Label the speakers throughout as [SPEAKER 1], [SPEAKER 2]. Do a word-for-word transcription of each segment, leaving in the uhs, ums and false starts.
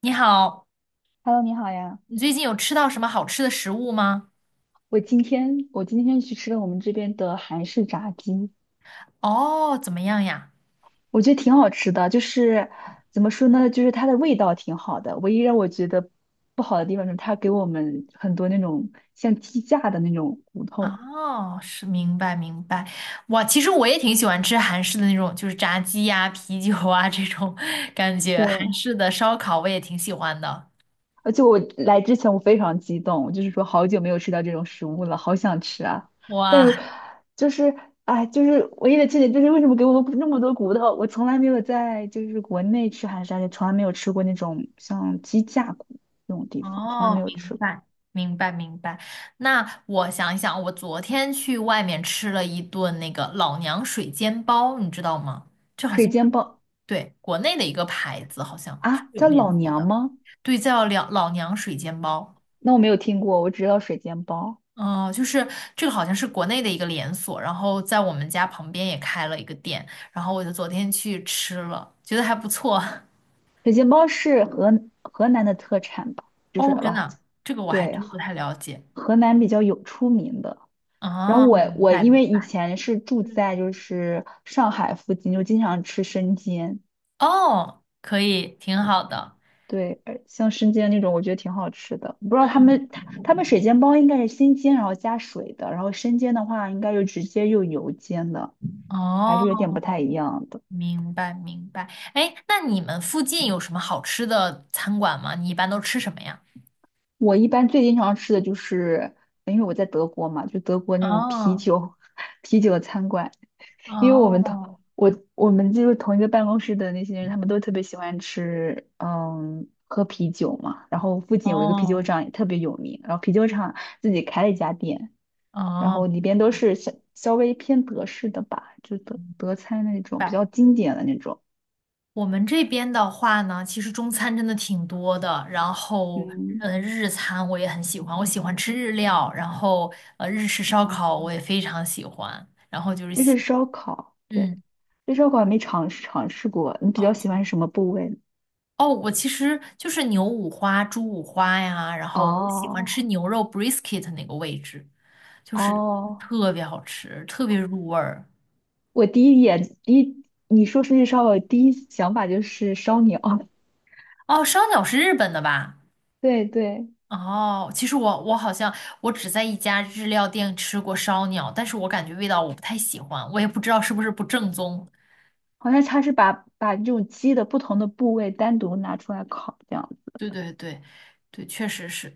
[SPEAKER 1] 你好，
[SPEAKER 2] Hello，你好呀！
[SPEAKER 1] 你最近有吃到什么好吃的食物吗？
[SPEAKER 2] 我今天我今天去吃了我们这边的韩式炸鸡，
[SPEAKER 1] 哦，怎么样呀？
[SPEAKER 2] 我觉得挺好吃的。就是怎么说呢，就是它的味道挺好的。唯一让我觉得不好的地方就是它给我们很多那种像鸡架的那种骨头。
[SPEAKER 1] 哦，是明白明白。哇，其实我也挺喜欢吃韩式的那种，就是炸鸡呀、啤酒啊这种感觉，韩
[SPEAKER 2] 对，
[SPEAKER 1] 式的烧烤我也挺喜欢的。
[SPEAKER 2] 而且我来之前我非常激动，我就是说好久没有吃到这种食物了，好想吃啊！但是
[SPEAKER 1] 哇，
[SPEAKER 2] 就是哎，就是唯一的缺点就是为什么给我那么多骨头？我从来没有在就是国内吃韩式沙爹，也从来没有吃过那种像鸡架骨那种地方，从来没
[SPEAKER 1] 哦，
[SPEAKER 2] 有
[SPEAKER 1] 明
[SPEAKER 2] 吃过
[SPEAKER 1] 白明白明白。那我想一想，我昨天去外面吃了一顿那个老娘水煎包，你知道吗？这好
[SPEAKER 2] 水
[SPEAKER 1] 像是。
[SPEAKER 2] 煎包
[SPEAKER 1] 对，国内的一个牌子，好像是
[SPEAKER 2] 啊，
[SPEAKER 1] 有
[SPEAKER 2] 叫
[SPEAKER 1] 连
[SPEAKER 2] 老
[SPEAKER 1] 锁
[SPEAKER 2] 娘
[SPEAKER 1] 的。
[SPEAKER 2] 吗？
[SPEAKER 1] 对，叫两老娘水煎包。
[SPEAKER 2] 那我没有听过，我只知道水煎包。
[SPEAKER 1] 哦、就是这个好像是国内的一个连锁，然后在我们家旁边也开了一个店，然后我就昨天去吃了，觉得还不错。
[SPEAKER 2] 水煎包是河河南的特产吧？就是
[SPEAKER 1] 哦，真的
[SPEAKER 2] 吧？
[SPEAKER 1] 啊，这个我还
[SPEAKER 2] 对，
[SPEAKER 1] 真不太了解。
[SPEAKER 2] 河南比较有出名的。然后
[SPEAKER 1] 哦，
[SPEAKER 2] 我
[SPEAKER 1] 明
[SPEAKER 2] 我
[SPEAKER 1] 白
[SPEAKER 2] 因
[SPEAKER 1] 明
[SPEAKER 2] 为以
[SPEAKER 1] 白。
[SPEAKER 2] 前是住
[SPEAKER 1] 嗯，
[SPEAKER 2] 在就是上海附近，就经常吃生煎，
[SPEAKER 1] 哦，可以，挺好的。
[SPEAKER 2] 对，呃像生煎那种我觉得挺好吃的。不知道他
[SPEAKER 1] 嗯，
[SPEAKER 2] 们他他们水煎包应该是先煎然后加水的，然后生煎的话应该就直接用油煎的，还是有点
[SPEAKER 1] 哦，
[SPEAKER 2] 不太一样的。
[SPEAKER 1] 明白明白。哎，那你们附近有什么好吃的餐馆吗？你一般都吃什么呀？
[SPEAKER 2] 我一般最经常吃的就是，因为我在德国嘛，就德国那种啤
[SPEAKER 1] 哦
[SPEAKER 2] 酒 啤酒餐馆，因为我们同
[SPEAKER 1] 哦
[SPEAKER 2] 我我们就是同一个办公室的那些人，他们都特别喜欢吃，嗯，喝啤酒嘛。然后附近有一个啤酒
[SPEAKER 1] 哦
[SPEAKER 2] 厂也特别有名，然后啤酒厂自己开了一家店，然后里
[SPEAKER 1] 哦。
[SPEAKER 2] 边都是稍稍微偏德式的吧，就德
[SPEAKER 1] 明
[SPEAKER 2] 德餐那种比
[SPEAKER 1] 白。
[SPEAKER 2] 较经典的那种，
[SPEAKER 1] 我们这边的话呢，其实中餐真的挺多的，然后
[SPEAKER 2] 嗯，
[SPEAKER 1] 呃，日餐我也很喜欢，我喜欢吃日料，然后呃，日式烧烤
[SPEAKER 2] 啊，
[SPEAKER 1] 我也非常喜欢，然后就是
[SPEAKER 2] 日式
[SPEAKER 1] 喜，
[SPEAKER 2] 烧烤，对，
[SPEAKER 1] 嗯，
[SPEAKER 2] 日式烧烤还没尝试尝试过。你比
[SPEAKER 1] 哦
[SPEAKER 2] 较喜欢什么部位？
[SPEAKER 1] 哦，我其实就是牛五花、猪五花呀，然后我喜欢吃
[SPEAKER 2] 哦，
[SPEAKER 1] 牛肉 brisket 那个位置，就是
[SPEAKER 2] 哦，
[SPEAKER 1] 特别好吃，特别入味儿。
[SPEAKER 2] 我第一眼第一，你说出去烧烤，我第一想法就是烧鸟。
[SPEAKER 1] 哦，烧鸟是日本的吧？
[SPEAKER 2] 对对，
[SPEAKER 1] 哦，其实我我好像我只在一家日料店吃过烧鸟，但是我感觉味道我不太喜欢，我也不知道是不是不正宗。
[SPEAKER 2] 好像它是把把这种鸡的不同的部位单独拿出来烤，这样
[SPEAKER 1] 对对对，对，确实是，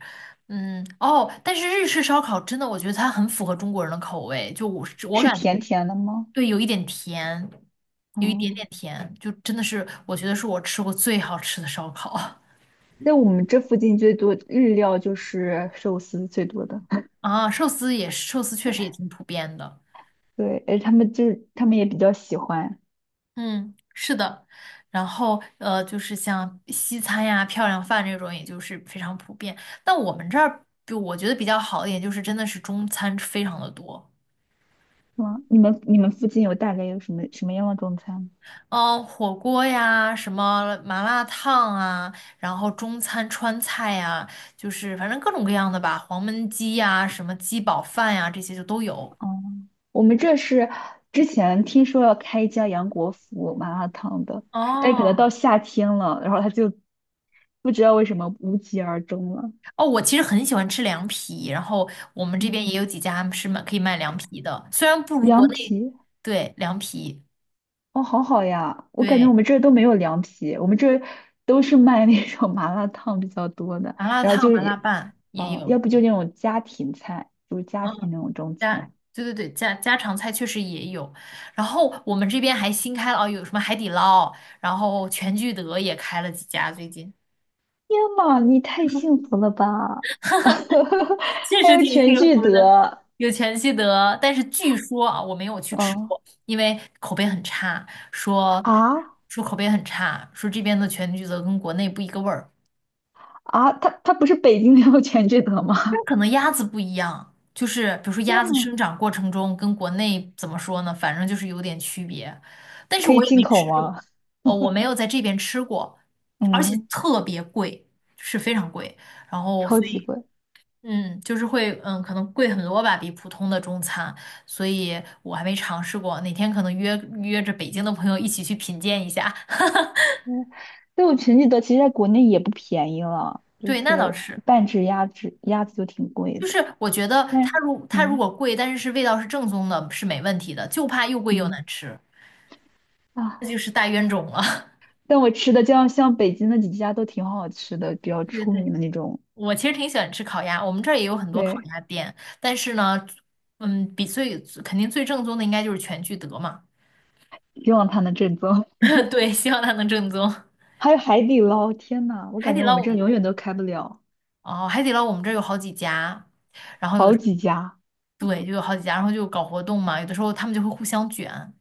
[SPEAKER 1] 嗯，哦，但是日式烧烤真的，我觉得它很符合中国人的口味，就我是我
[SPEAKER 2] 是
[SPEAKER 1] 感
[SPEAKER 2] 甜
[SPEAKER 1] 觉，
[SPEAKER 2] 甜的吗？
[SPEAKER 1] 对，有一点甜，有一点
[SPEAKER 2] 哦，
[SPEAKER 1] 点甜，就真的是我觉得是我吃过最好吃的烧烤。
[SPEAKER 2] 在我们这附近最多日料就是寿司最多的。
[SPEAKER 1] 啊，寿司也是，寿司确实也挺普遍的。
[SPEAKER 2] 对，而他们就是他们也比较喜欢。
[SPEAKER 1] 嗯，是的，然后呃，就是像西餐呀、漂亮饭这种，也就是非常普遍。但我们这儿，就我觉得比较好一点，就是真的是中餐非常的多，
[SPEAKER 2] 嗯，你们你们附近有大概有什么什么样的中餐？
[SPEAKER 1] 嗯、火锅呀，什么麻辣烫啊，然后中餐川菜呀，就是反正各种各样的吧，黄焖鸡呀，什么鸡煲饭呀，这些就都有。
[SPEAKER 2] 哦，我们这是之前听说要开一家杨国福麻辣烫的，但可能
[SPEAKER 1] 哦，
[SPEAKER 2] 到夏天了，然后他就不知道为什么无疾而终了。
[SPEAKER 1] 哦，我其实很喜欢吃凉皮，然后我们这边
[SPEAKER 2] 嗯，
[SPEAKER 1] 也有几家是卖可以卖凉皮的，虽然不如国
[SPEAKER 2] 凉
[SPEAKER 1] 内，
[SPEAKER 2] 皮，
[SPEAKER 1] 对，凉皮，
[SPEAKER 2] 哦，好好呀，我感觉我
[SPEAKER 1] 对，
[SPEAKER 2] 们这儿都没有凉皮，我们这儿都是卖那种麻辣烫比较多的，
[SPEAKER 1] 麻辣
[SPEAKER 2] 然后
[SPEAKER 1] 烫、
[SPEAKER 2] 就是
[SPEAKER 1] 麻辣
[SPEAKER 2] 也，
[SPEAKER 1] 拌也
[SPEAKER 2] 呃，
[SPEAKER 1] 有，
[SPEAKER 2] 要不就那种家庭菜，就是家庭
[SPEAKER 1] 嗯，
[SPEAKER 2] 那种中
[SPEAKER 1] 家，
[SPEAKER 2] 餐。
[SPEAKER 1] 对对对，家家常菜确实也有，然后我们这边还新开了哦，有什么海底捞，然后全聚德也开了几家最近。
[SPEAKER 2] 天呐，你太幸福了吧！
[SPEAKER 1] 确
[SPEAKER 2] 还
[SPEAKER 1] 实
[SPEAKER 2] 有
[SPEAKER 1] 挺
[SPEAKER 2] 全
[SPEAKER 1] 幸
[SPEAKER 2] 聚
[SPEAKER 1] 福的。
[SPEAKER 2] 德，
[SPEAKER 1] 有全聚德，但是据说啊，我没有去吃
[SPEAKER 2] 哦，
[SPEAKER 1] 过，因为口碑很差，说
[SPEAKER 2] 啊。
[SPEAKER 1] 说口碑很差，说这边的全聚德跟国内不一个味儿，
[SPEAKER 2] 啊，它它不是北京的有全聚德
[SPEAKER 1] 但
[SPEAKER 2] 吗？
[SPEAKER 1] 可能鸭子不一样，就是比如 说
[SPEAKER 2] 天
[SPEAKER 1] 鸭子
[SPEAKER 2] 呐，
[SPEAKER 1] 生长过程中跟国内怎么说呢，反正就是有点区别，但是
[SPEAKER 2] 可以
[SPEAKER 1] 我也
[SPEAKER 2] 进
[SPEAKER 1] 没
[SPEAKER 2] 口
[SPEAKER 1] 吃，
[SPEAKER 2] 吗？
[SPEAKER 1] 呃，我没有在这边吃过，而且
[SPEAKER 2] 嗯，
[SPEAKER 1] 特别贵，是非常贵，然后
[SPEAKER 2] 超
[SPEAKER 1] 所
[SPEAKER 2] 级
[SPEAKER 1] 以
[SPEAKER 2] 贵。
[SPEAKER 1] 嗯，就是会，嗯，可能贵很多吧，比普通的中餐，所以我还没尝试过。哪天可能约约着北京的朋友一起去品鉴一下。
[SPEAKER 2] 嗯，但我全聚德其实在国内也不便宜了，就
[SPEAKER 1] 对，那倒
[SPEAKER 2] 是
[SPEAKER 1] 是，
[SPEAKER 2] 半只鸭子，鸭子就挺贵
[SPEAKER 1] 就
[SPEAKER 2] 的。
[SPEAKER 1] 是我觉得它
[SPEAKER 2] 但
[SPEAKER 1] 如它如
[SPEAKER 2] 嗯
[SPEAKER 1] 果贵，但是是味道是正宗的，是没问题的，就怕又贵又
[SPEAKER 2] 嗯
[SPEAKER 1] 难吃，这就
[SPEAKER 2] 啊，
[SPEAKER 1] 是大冤种了。
[SPEAKER 2] 但我吃的这样像北京那几家都挺好吃的，比较
[SPEAKER 1] 对对
[SPEAKER 2] 出
[SPEAKER 1] 对，
[SPEAKER 2] 名的那种，
[SPEAKER 1] 我其实挺喜欢吃烤鸭，我们这儿也有很多烤
[SPEAKER 2] 对，
[SPEAKER 1] 鸭店，但是呢，嗯，比最肯定最正宗的应该就是全聚德嘛。
[SPEAKER 2] 希望它能正宗。
[SPEAKER 1] 对，希望它能正宗。
[SPEAKER 2] 还有海底捞，天呐，我
[SPEAKER 1] 海
[SPEAKER 2] 感
[SPEAKER 1] 底
[SPEAKER 2] 觉我
[SPEAKER 1] 捞
[SPEAKER 2] 们
[SPEAKER 1] 我
[SPEAKER 2] 这
[SPEAKER 1] 们。
[SPEAKER 2] 永远都开不了，
[SPEAKER 1] 哦，海底捞我们这儿有好几家，然后有的
[SPEAKER 2] 好
[SPEAKER 1] 时
[SPEAKER 2] 几家。
[SPEAKER 1] 对，就有好几家，然后就搞活动嘛，有的时候他们就会互相卷。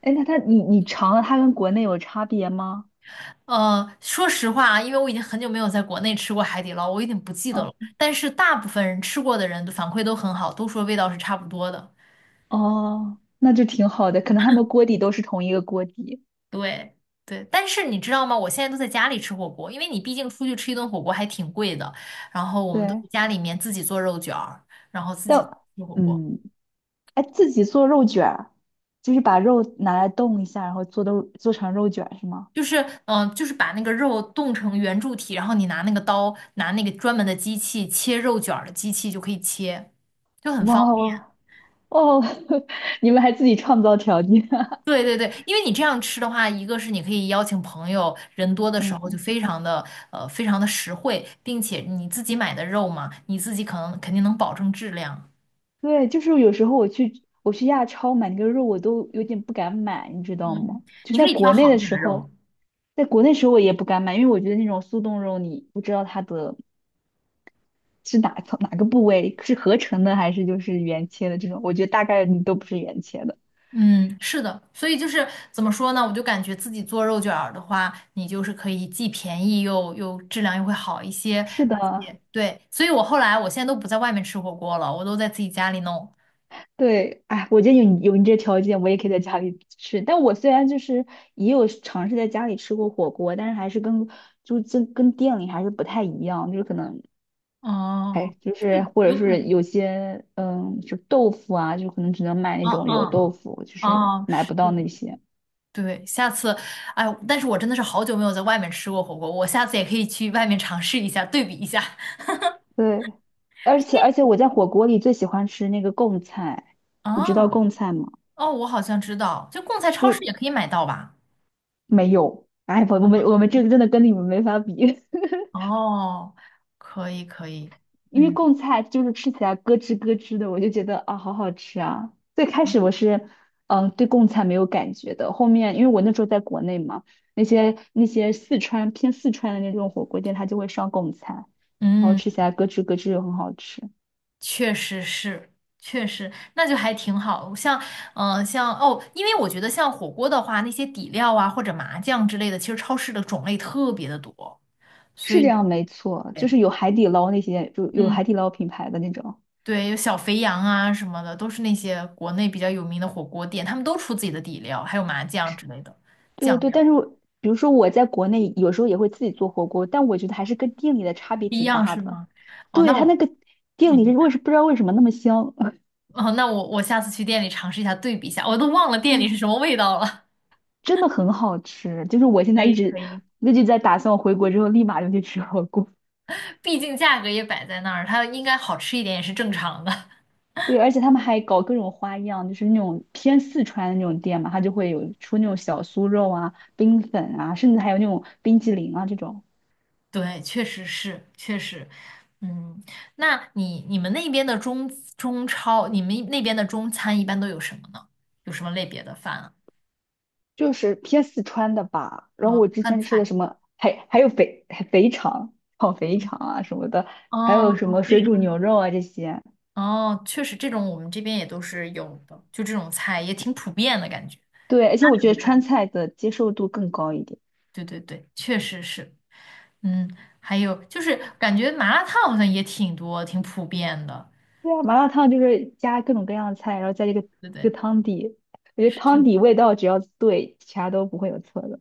[SPEAKER 2] 哎，那它你你尝了，它跟国内有差别吗？
[SPEAKER 1] 呃，说实话啊，因为我已经很久没有在国内吃过海底捞，我有点不记得
[SPEAKER 2] 嗯。
[SPEAKER 1] 了。但是大部分人吃过的人都反馈都很好，都说味道是差不多的。
[SPEAKER 2] 哦，那就挺好的，可能他们锅底都是同一个锅底。
[SPEAKER 1] 对对，但是你知道吗？我现在都在家里吃火锅，因为你毕竟出去吃一顿火锅还挺贵的。然后我们都在
[SPEAKER 2] 对，
[SPEAKER 1] 家里面自己做肉卷儿，然后自己
[SPEAKER 2] 但
[SPEAKER 1] 吃火锅。
[SPEAKER 2] 嗯，哎，自己做肉卷儿，就是把肉拿来冻一下，然后做的做成肉卷儿是吗？
[SPEAKER 1] 就是嗯、呃就是把那个肉冻成圆柱体，然后你拿那个刀，拿那个专门的机器切肉卷儿的机器就可以切，就很
[SPEAKER 2] 哇
[SPEAKER 1] 方便。
[SPEAKER 2] 哦，哦 你们还自己创造条件啊。
[SPEAKER 1] 对对对，因为你这样吃的话，一个是你可以邀请朋友，人多 的时候就
[SPEAKER 2] 嗯，
[SPEAKER 1] 非常的呃非常的实惠，并且你自己买的肉嘛，你自己可能肯定能保证质量。
[SPEAKER 2] 对，就是有时候我去我去亚超买那个肉，我都有点不敢买，你知道
[SPEAKER 1] 嗯，
[SPEAKER 2] 吗？就
[SPEAKER 1] 你可
[SPEAKER 2] 在
[SPEAKER 1] 以挑
[SPEAKER 2] 国内
[SPEAKER 1] 好一
[SPEAKER 2] 的
[SPEAKER 1] 点
[SPEAKER 2] 时
[SPEAKER 1] 的
[SPEAKER 2] 候，
[SPEAKER 1] 肉。
[SPEAKER 2] 在国内时候我也不敢买，因为我觉得那种速冻肉，你不知道它的是哪从哪个部位？是合成的还是就是原切的这种？我觉得大概率都不是原切的。
[SPEAKER 1] 嗯，是的，所以就是怎么说呢？我就感觉自己做肉卷儿的话，你就是可以既便宜又又质量又会好一些，
[SPEAKER 2] 是
[SPEAKER 1] 而
[SPEAKER 2] 的，
[SPEAKER 1] 且对，所以我后来我现在都不在外面吃火锅了，我都在自己家里弄。
[SPEAKER 2] 对，哎，我觉得有你有你这条件，我也可以在家里吃。但我虽然就是也有尝试在家里吃过火锅，但是还是跟就跟跟店里还是不太一样，就是可能
[SPEAKER 1] 哦，
[SPEAKER 2] 哎，就是
[SPEAKER 1] 对，
[SPEAKER 2] 或者
[SPEAKER 1] 有可
[SPEAKER 2] 是
[SPEAKER 1] 能，
[SPEAKER 2] 有些嗯，就豆腐啊，就可能只能买那
[SPEAKER 1] 嗯
[SPEAKER 2] 种油豆
[SPEAKER 1] 嗯，
[SPEAKER 2] 腐，就是
[SPEAKER 1] 哦，
[SPEAKER 2] 买
[SPEAKER 1] 是
[SPEAKER 2] 不到
[SPEAKER 1] 的，
[SPEAKER 2] 那些。
[SPEAKER 1] 对，下次，哎，但是我真的是好久没有在外面吃过火锅，我下次也可以去外面尝试一下，对比一下。
[SPEAKER 2] 对，而且而 且我在火锅里最喜欢吃那个贡菜，你知道
[SPEAKER 1] 啊，
[SPEAKER 2] 贡菜吗？
[SPEAKER 1] 哦，我好像知道，就贡菜超市
[SPEAKER 2] 就
[SPEAKER 1] 也可以买到吧？
[SPEAKER 2] 没有。哎，我我们我们这个真的跟你们没法比，
[SPEAKER 1] 哦，可以可以，
[SPEAKER 2] 因为
[SPEAKER 1] 嗯
[SPEAKER 2] 贡菜就是吃起来咯吱咯吱的，我就觉得啊，好好吃啊。最开始我是嗯对贡菜没有感觉的，后面因为我那时候在国内嘛，那些那些四川偏四川的那种火锅店，它就会上贡菜，然后
[SPEAKER 1] 嗯，
[SPEAKER 2] 吃起来咯吱咯吱又很好吃，
[SPEAKER 1] 确实是，确实，那就还挺好。像嗯、呃像哦，因为我觉得像火锅的话，那些底料啊或者麻酱之类的，其实超市的种类特别的多，所
[SPEAKER 2] 是
[SPEAKER 1] 以
[SPEAKER 2] 这样没错，就
[SPEAKER 1] 对，
[SPEAKER 2] 是有海底捞那些，就有
[SPEAKER 1] 嗯，
[SPEAKER 2] 海底捞品牌的那种。
[SPEAKER 1] 对，有小肥羊啊什么的，都是那些国内比较有名的火锅店，他们都出自己的底料，还有麻酱之类的
[SPEAKER 2] 对
[SPEAKER 1] 酱
[SPEAKER 2] 对对，但
[SPEAKER 1] 料，
[SPEAKER 2] 是我比如说我在国内有时候也会自己做火锅，但我觉得还是跟店里的差
[SPEAKER 1] 不
[SPEAKER 2] 别
[SPEAKER 1] 一
[SPEAKER 2] 挺
[SPEAKER 1] 样
[SPEAKER 2] 大
[SPEAKER 1] 是
[SPEAKER 2] 的。
[SPEAKER 1] 吗？哦，
[SPEAKER 2] 对，
[SPEAKER 1] 那
[SPEAKER 2] 它那
[SPEAKER 1] 我。
[SPEAKER 2] 个店里是
[SPEAKER 1] 嗯，
[SPEAKER 2] 为什不知道为什么那么香，
[SPEAKER 1] 哦，那我我下次去店里尝试一下，对比一下，我都 忘了店里
[SPEAKER 2] 真
[SPEAKER 1] 是什么味道了。
[SPEAKER 2] 真的很好吃。就是我 现
[SPEAKER 1] 可
[SPEAKER 2] 在一
[SPEAKER 1] 以
[SPEAKER 2] 直
[SPEAKER 1] 可以。
[SPEAKER 2] 一直在打算，我回国之后立马就去吃火锅。
[SPEAKER 1] 毕竟价格也摆在那儿，它应该好吃一点也是正常的。
[SPEAKER 2] 对，而且他们还搞各种花样，就是那种偏四川的那种店嘛，它就会有出那种小酥肉啊、冰粉啊，甚至还有那种冰激凌啊这种。
[SPEAKER 1] 对，确实是，确实，嗯，那你你们那边的中中超，你们那边的中餐一般都有什么呢？有什么类别的饭啊？
[SPEAKER 2] 就是偏四川的吧。然后
[SPEAKER 1] 哦，
[SPEAKER 2] 我之
[SPEAKER 1] 饭
[SPEAKER 2] 前吃的
[SPEAKER 1] 菜。
[SPEAKER 2] 什么，还还有肥还肥肠、炒肥肠啊什么的，还有
[SPEAKER 1] 哦，
[SPEAKER 2] 什么
[SPEAKER 1] 非
[SPEAKER 2] 水煮
[SPEAKER 1] 常。
[SPEAKER 2] 牛肉啊这些。
[SPEAKER 1] 哦，确实，这种我们这边也都是有的，就这种菜也挺普遍的感觉。
[SPEAKER 2] 对，而且我觉得川菜的接受度更高一点。
[SPEAKER 1] 对对对，确实是。嗯，还有就是感觉麻辣烫好像也挺多，挺普遍的，
[SPEAKER 2] 对啊，麻辣烫就是加各种各样的菜，然后加这个
[SPEAKER 1] 对不
[SPEAKER 2] 这
[SPEAKER 1] 对？
[SPEAKER 2] 个汤底，我觉得汤
[SPEAKER 1] 是，
[SPEAKER 2] 底味道只要对，其他都不会有错的。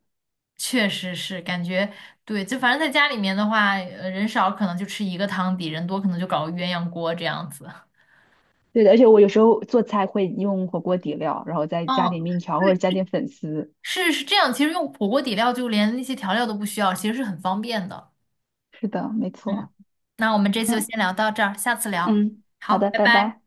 [SPEAKER 1] 确实是，感觉对，就反正在家里面的话，呃人少可能就吃一个汤底，人多可能就搞个鸳鸯锅这样子。
[SPEAKER 2] 对的，而且我有时候做菜会用火锅底料，然后再加点
[SPEAKER 1] 嗯，
[SPEAKER 2] 面条或者
[SPEAKER 1] 对，
[SPEAKER 2] 加点粉丝。
[SPEAKER 1] 是是这样。其实用火锅底料就连那些调料都不需要，其实是很方便的。
[SPEAKER 2] 是的，没
[SPEAKER 1] 嗯，
[SPEAKER 2] 错。
[SPEAKER 1] 那我们这次就先聊到这儿，下次聊。
[SPEAKER 2] 嗯，好
[SPEAKER 1] 好，
[SPEAKER 2] 的，
[SPEAKER 1] 拜
[SPEAKER 2] 拜
[SPEAKER 1] 拜。
[SPEAKER 2] 拜。